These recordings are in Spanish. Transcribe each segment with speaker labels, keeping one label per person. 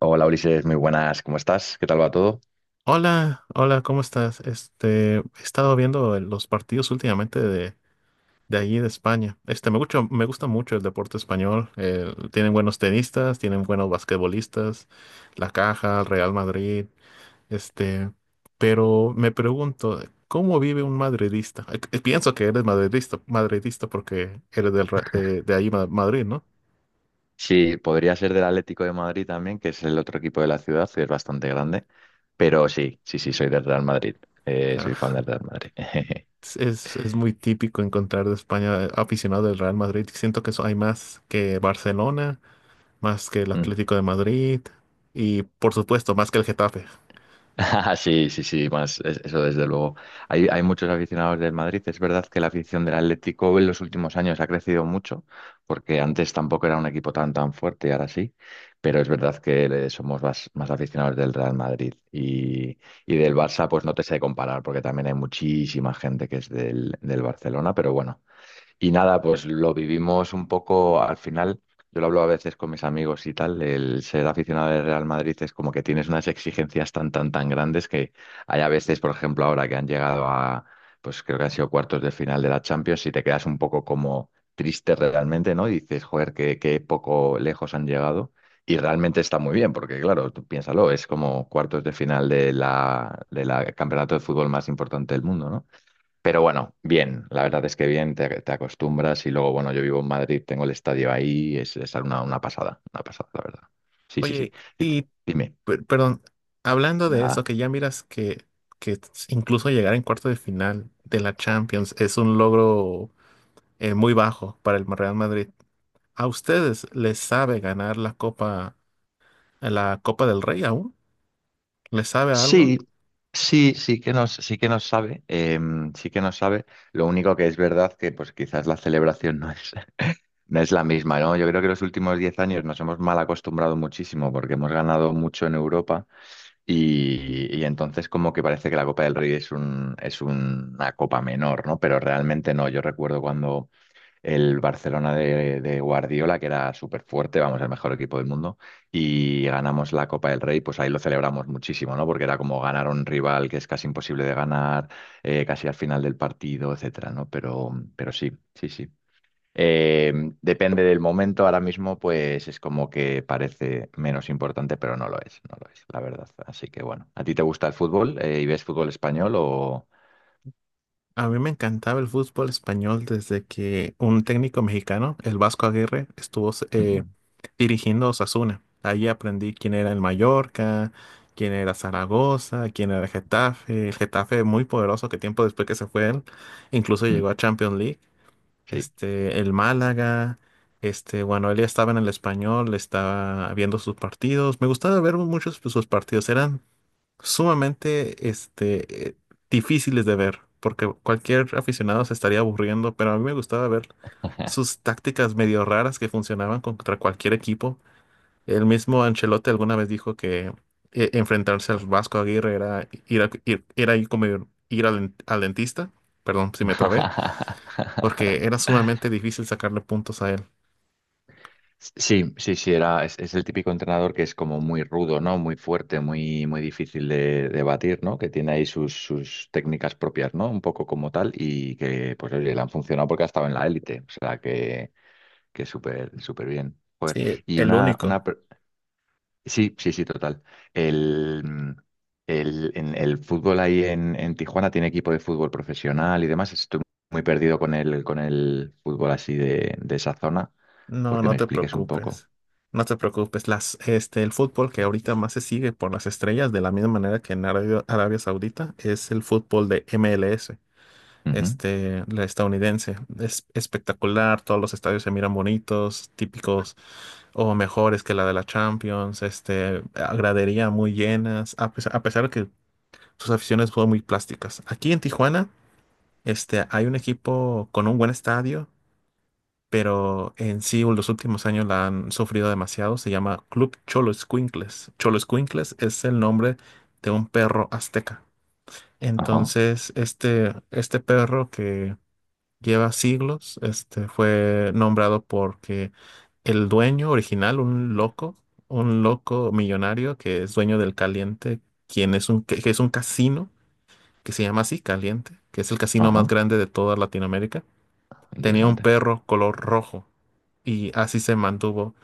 Speaker 1: Hola Ulises, muy buenas, ¿cómo estás? ¿Qué tal va todo?
Speaker 2: Hola, hola, ¿cómo estás? He estado viendo los partidos últimamente de allí de España. Me gusta, me gusta mucho el deporte español. Tienen buenos tenistas, tienen buenos basquetbolistas, La Caja, el Real Madrid, este, pero me pregunto, ¿cómo vive un madridista? Pienso que eres madridista, madridista porque eres de ahí, Madrid, ¿no?
Speaker 1: Sí, podría ser del Atlético de Madrid también, que es el otro equipo de la ciudad, que es bastante grande, pero sí, sí, sí, soy del Real Madrid. Soy fan
Speaker 2: Ah,
Speaker 1: del Real Madrid.
Speaker 2: es muy típico encontrar de España, aficionado del Real Madrid. Siento que eso hay más que Barcelona, más que el Atlético de Madrid y por supuesto más que el Getafe.
Speaker 1: Sí, sí, sí, más eso desde luego. Hay muchos aficionados del Madrid. Es verdad que la afición del Atlético en los últimos años ha crecido mucho, porque antes tampoco era un equipo tan fuerte y ahora sí, pero es verdad que somos más aficionados del Real Madrid, y del Barça, pues no te sé comparar, porque también hay muchísima gente que es del Barcelona, pero bueno, y nada, pues lo vivimos un poco al final. Yo lo hablo a veces con mis amigos y tal. El ser aficionado del Real Madrid es como que tienes unas exigencias tan, tan, tan grandes que hay a veces, por ejemplo, ahora que han llegado a, pues creo que han sido cuartos de final de la Champions, y te quedas un poco como triste realmente, ¿no? Y dices, joder, qué poco lejos han llegado. Y realmente está muy bien, porque claro, tú piénsalo, es como cuartos de final de la campeonato de fútbol más importante del mundo, ¿no? Pero bueno, bien, la verdad es que bien, te acostumbras, y luego, bueno, yo vivo en Madrid, tengo el estadio ahí, es una pasada, una pasada, la verdad. Sí, sí, sí.
Speaker 2: Oye,
Speaker 1: Y t-
Speaker 2: y
Speaker 1: Dime,
Speaker 2: perdón, hablando de eso,
Speaker 1: nada.
Speaker 2: que ya miras que incluso llegar en cuarto de final de la Champions es un logro muy bajo para el Real Madrid. ¿A ustedes les sabe ganar la Copa del Rey aún? ¿Les sabe algo?
Speaker 1: Sí, sí, sí que nos sabe, sí que nos sabe. Lo único que es verdad que pues quizás la celebración no es, no es la misma, ¿no? Yo creo que los últimos 10 años nos hemos mal acostumbrado muchísimo porque hemos ganado mucho en Europa. Y entonces, como que parece que la Copa del Rey es es una copa menor, ¿no? Pero realmente no. Yo recuerdo cuando el Barcelona de Guardiola, que era súper fuerte, vamos, el mejor equipo del mundo, y ganamos la Copa del Rey, pues ahí lo celebramos muchísimo, ¿no? Porque era como ganar a un rival que es casi imposible de ganar, casi al final del partido, etcétera, ¿no? Pero sí, sí, sí. Eh, Depende del momento, ahora mismo pues es como que parece menos importante, pero no lo es, no lo es, la verdad. Así que bueno, ¿a ti te gusta el fútbol y ves fútbol español o?
Speaker 2: A mí me encantaba el fútbol español desde que un técnico mexicano, el Vasco Aguirre, estuvo
Speaker 1: Ujú.
Speaker 2: dirigiendo a Osasuna. Ahí aprendí quién era el Mallorca, quién era Zaragoza, quién era el Getafe. El Getafe muy poderoso que tiempo después que se fue él, incluso
Speaker 1: Mm.
Speaker 2: llegó a Champions League.
Speaker 1: Sí.
Speaker 2: El Málaga, bueno, él ya estaba en el Español, estaba viendo sus partidos. Me gustaba ver muchos de sus partidos, eran sumamente, difíciles de ver, porque cualquier aficionado se estaría aburriendo, pero a mí me gustaba ver sus tácticas medio raras que funcionaban contra cualquier equipo. El mismo Ancelotti alguna vez dijo que enfrentarse al Vasco Aguirre era ir al dentista, perdón si me trabé, porque era sumamente difícil sacarle puntos a él.
Speaker 1: Sí, sí, sí, es el típico entrenador que es como muy rudo, ¿no? Muy fuerte, muy, muy difícil de batir, ¿no? Que tiene ahí sus técnicas propias, ¿no? Un poco como tal, y que, pues, oye, le han funcionado porque ha estado en la élite. O sea, que súper, súper bien. Joder.
Speaker 2: Sí,
Speaker 1: Y
Speaker 2: el
Speaker 1: una,
Speaker 2: único.
Speaker 1: una... per- Sí, sí, sí, total. El, mm, el fútbol ahí en, Tijuana tiene equipo de fútbol profesional y demás. Estoy muy perdido con el fútbol así de esa zona,
Speaker 2: No,
Speaker 1: porque
Speaker 2: no
Speaker 1: me
Speaker 2: te
Speaker 1: expliques un poco.
Speaker 2: preocupes. No te preocupes. El fútbol que ahorita más se sigue por las estrellas, de la misma manera que en Arabia Saudita, es el fútbol de MLS,
Speaker 1: Ujú.
Speaker 2: la estadounidense. Es espectacular, todos los estadios se miran bonitos, típicos o mejores que la de la Champions, a gradería muy llenas, a pesar de que sus aficiones fueron muy plásticas. Aquí en Tijuana, hay un equipo con un buen estadio, pero en sí los últimos años la han sufrido demasiado. Se llama Club Cholo Escuincles. Cholo Escuincles es el nombre de un perro azteca.
Speaker 1: Ajá,
Speaker 2: Entonces, este perro que lleva siglos. Este fue nombrado porque el dueño original, un loco millonario que es dueño del Caliente, quien es un, que es un casino que se llama así, Caliente, que es el casino más
Speaker 1: ajá.
Speaker 2: grande de toda Latinoamérica, tenía un
Speaker 1: Interesante.
Speaker 2: perro color rojo y así se mantuvo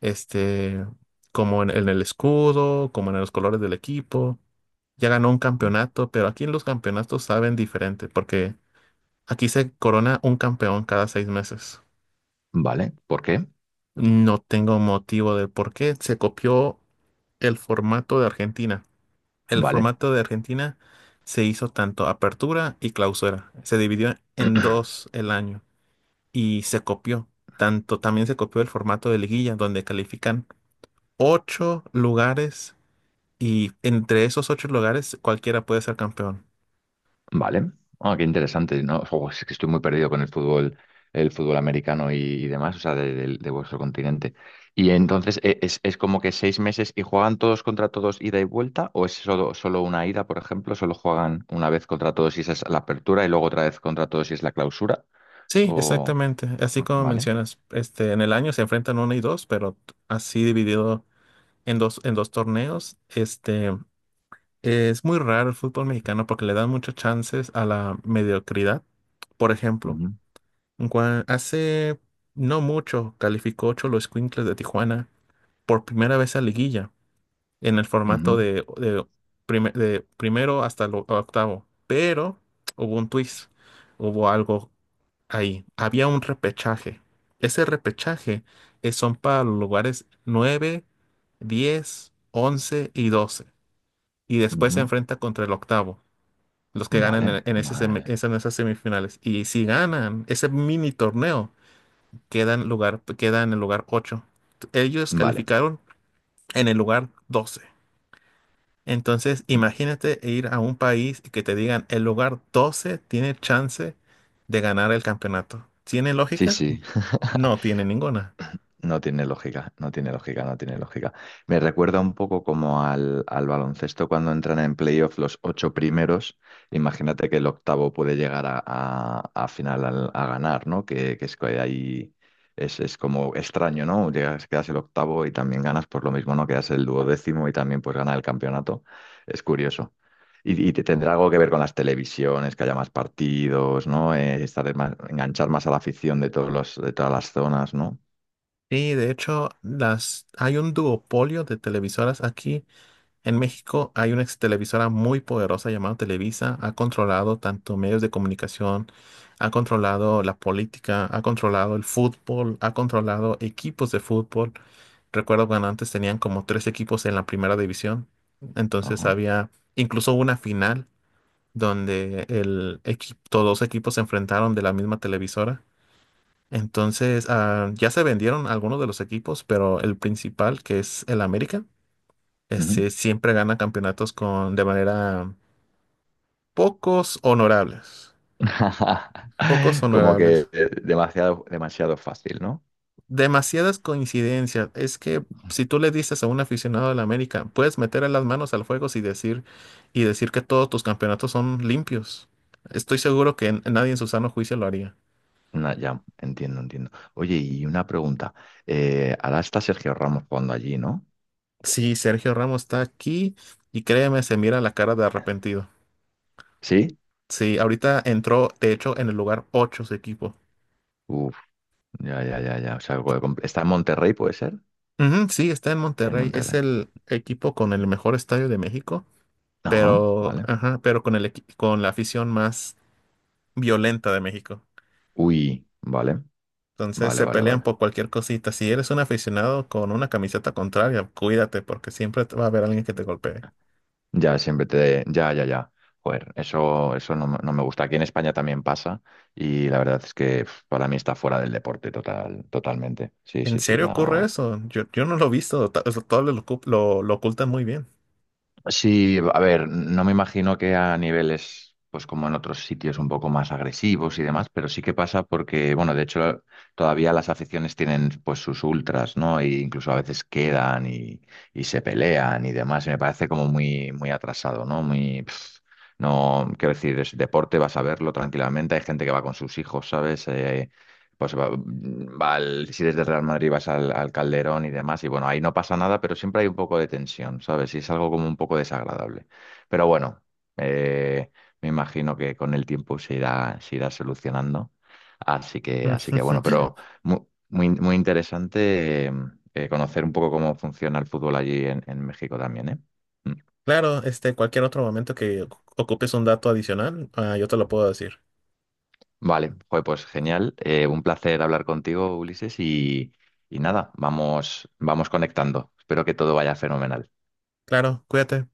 Speaker 2: este como en el escudo, como en los colores del equipo. Ya ganó un
Speaker 1: Mm.
Speaker 2: campeonato, pero aquí en los campeonatos saben diferente, porque aquí se corona un campeón cada seis meses.
Speaker 1: Vale, ¿por qué?
Speaker 2: No tengo motivo del por qué. Se copió el formato de Argentina. El
Speaker 1: Vale.
Speaker 2: formato de Argentina se hizo tanto apertura y clausura. Se dividió en dos el año y se copió. Tanto también se copió el formato de liguilla, donde califican ocho lugares y entre esos ocho lugares cualquiera puede ser campeón.
Speaker 1: Vale. Ah, qué interesante, ¿no? Jo, es que estoy muy perdido con el fútbol americano y demás, o sea, de vuestro continente. Y entonces, ¿es como que 6 meses y juegan todos contra todos ida y vuelta? ¿O es solo, solo una ida, por ejemplo? ¿Solo juegan una vez contra todos y esa es la apertura, y luego otra vez contra todos y es la clausura?
Speaker 2: Sí,
Speaker 1: O...
Speaker 2: exactamente. Así como
Speaker 1: Vale.
Speaker 2: mencionas, en el año se enfrentan uno y dos, pero así dividido en dos torneos. Es muy raro el fútbol mexicano porque le dan muchas chances a la mediocridad. Por ejemplo,
Speaker 1: Ujú,
Speaker 2: hace no mucho calificó los Escuincles de Tijuana por primera vez a liguilla en el
Speaker 1: ujú,
Speaker 2: formato de de primero hasta el octavo. Pero hubo un twist, hubo algo ahí. Había un repechaje. Ese repechaje son para los lugares 9, 10, 11 y 12. Y después se
Speaker 1: ujú.
Speaker 2: enfrenta contra el octavo, los que ganan
Speaker 1: Vale,
Speaker 2: en ese
Speaker 1: vale,
Speaker 2: en esas semifinales. Y si ganan ese mini torneo, queda en el lugar 8. Ellos
Speaker 1: vale.
Speaker 2: calificaron en el lugar 12. Entonces, imagínate ir a un país y que te digan el lugar 12 tiene chance de ganar el campeonato. ¿Tiene
Speaker 1: Sí,
Speaker 2: lógica?
Speaker 1: sí.
Speaker 2: No tiene ninguna.
Speaker 1: No tiene lógica, no tiene lógica, no tiene lógica. Me recuerda un poco como al baloncesto cuando entran en playoff los ocho primeros. Imagínate que el octavo puede llegar a ganar, ¿no? Que es que ahí es como extraño, ¿no? Llegas, quedas el octavo y también ganas por lo mismo, ¿no? Quedas el duodécimo y también pues gana el campeonato. Es curioso. Y tendrá algo que ver con las televisiones, que haya más partidos, ¿no? Enganchar más a la afición de todos los, de todas las zonas, ¿no?
Speaker 2: Y de hecho, hay un duopolio de televisoras aquí. En México hay una ex televisora muy poderosa llamada Televisa. Ha controlado tanto medios de comunicación, ha controlado la política, ha controlado el fútbol, ha controlado equipos de fútbol. Recuerdo cuando antes tenían como tres equipos en la primera división. Entonces
Speaker 1: Ajá.
Speaker 2: había incluso una final donde el equipo, todos los equipos se enfrentaron de la misma televisora. Entonces ah, ya se vendieron algunos de los equipos, pero el principal, que es el América,
Speaker 1: Ujú.
Speaker 2: siempre gana campeonatos con, de manera pocos honorables. Pocos
Speaker 1: Como
Speaker 2: honorables.
Speaker 1: que demasiado, demasiado fácil, ¿no?
Speaker 2: Demasiadas coincidencias. Es que si tú le dices a un aficionado de la América, puedes meter las manos al fuego y decir que todos tus campeonatos son limpios. Estoy seguro que nadie en su sano juicio lo haría.
Speaker 1: Ya, entiendo, entiendo. Oye, y una pregunta. Ahora está Sergio Ramos jugando allí, ¿no?
Speaker 2: Sí, Sergio Ramos está aquí y créeme, se mira la cara de arrepentido.
Speaker 1: ¿Sí?
Speaker 2: Sí, ahorita entró, de hecho, en el lugar 8 su equipo.
Speaker 1: Uf, ya, ya, ya, ya. O sea, está en Monterrey, ¿puede ser?
Speaker 2: Ujú, sí, está en
Speaker 1: En
Speaker 2: Monterrey. Es
Speaker 1: Monterrey.
Speaker 2: el equipo con el mejor estadio de México,
Speaker 1: Ajá,
Speaker 2: pero,
Speaker 1: vale.
Speaker 2: ajá, pero con con la afición más violenta de México.
Speaker 1: Uy, vale,
Speaker 2: Entonces
Speaker 1: vale,
Speaker 2: se
Speaker 1: vale,
Speaker 2: pelean
Speaker 1: vale.
Speaker 2: por cualquier cosita. Si eres un aficionado con una camiseta contraria, cuídate porque siempre te va a haber alguien que te golpee.
Speaker 1: Ya, ya, ya, ya. Joder, eso, me no me gusta. Aquí en España también pasa, y la verdad es que para mí está fuera del deporte totalmente. Sí,
Speaker 2: ¿En
Speaker 1: sí, sí,
Speaker 2: serio ocurre
Speaker 1: no.
Speaker 2: eso? Yo no lo he visto. Ta- eso Todos lo, ocu- Lo ocultan muy bien.
Speaker 1: Sí, a ver, no me imagino que a niveles, pues como en otros sitios un poco más agresivos y demás, pero sí que pasa porque, bueno, de hecho todavía las aficiones tienen pues sus ultras, ¿no? E incluso a veces quedan y se pelean y demás, y me parece como muy, muy atrasado, ¿no? No, quiero decir, es deporte, vas a verlo tranquilamente, hay gente que va con sus hijos, ¿sabes? Pues si desde Real Madrid vas al, Calderón y demás, y bueno, ahí no pasa nada, pero siempre hay un poco de tensión, ¿sabes? Y es algo como un poco desagradable. Pero bueno, eh, me imagino que con el tiempo se irá, solucionando. Así que bueno, pero muy, muy, interesante, conocer un poco cómo funciona el fútbol allí en, México también, ¿eh?
Speaker 2: Claro, cualquier otro momento que ocupes un dato adicional, ah, yo te lo puedo decir.
Speaker 1: Vale, joder, pues genial. Un placer hablar contigo, Ulises, y, nada, vamos, vamos conectando. Espero que todo vaya fenomenal.
Speaker 2: Claro, cuídate.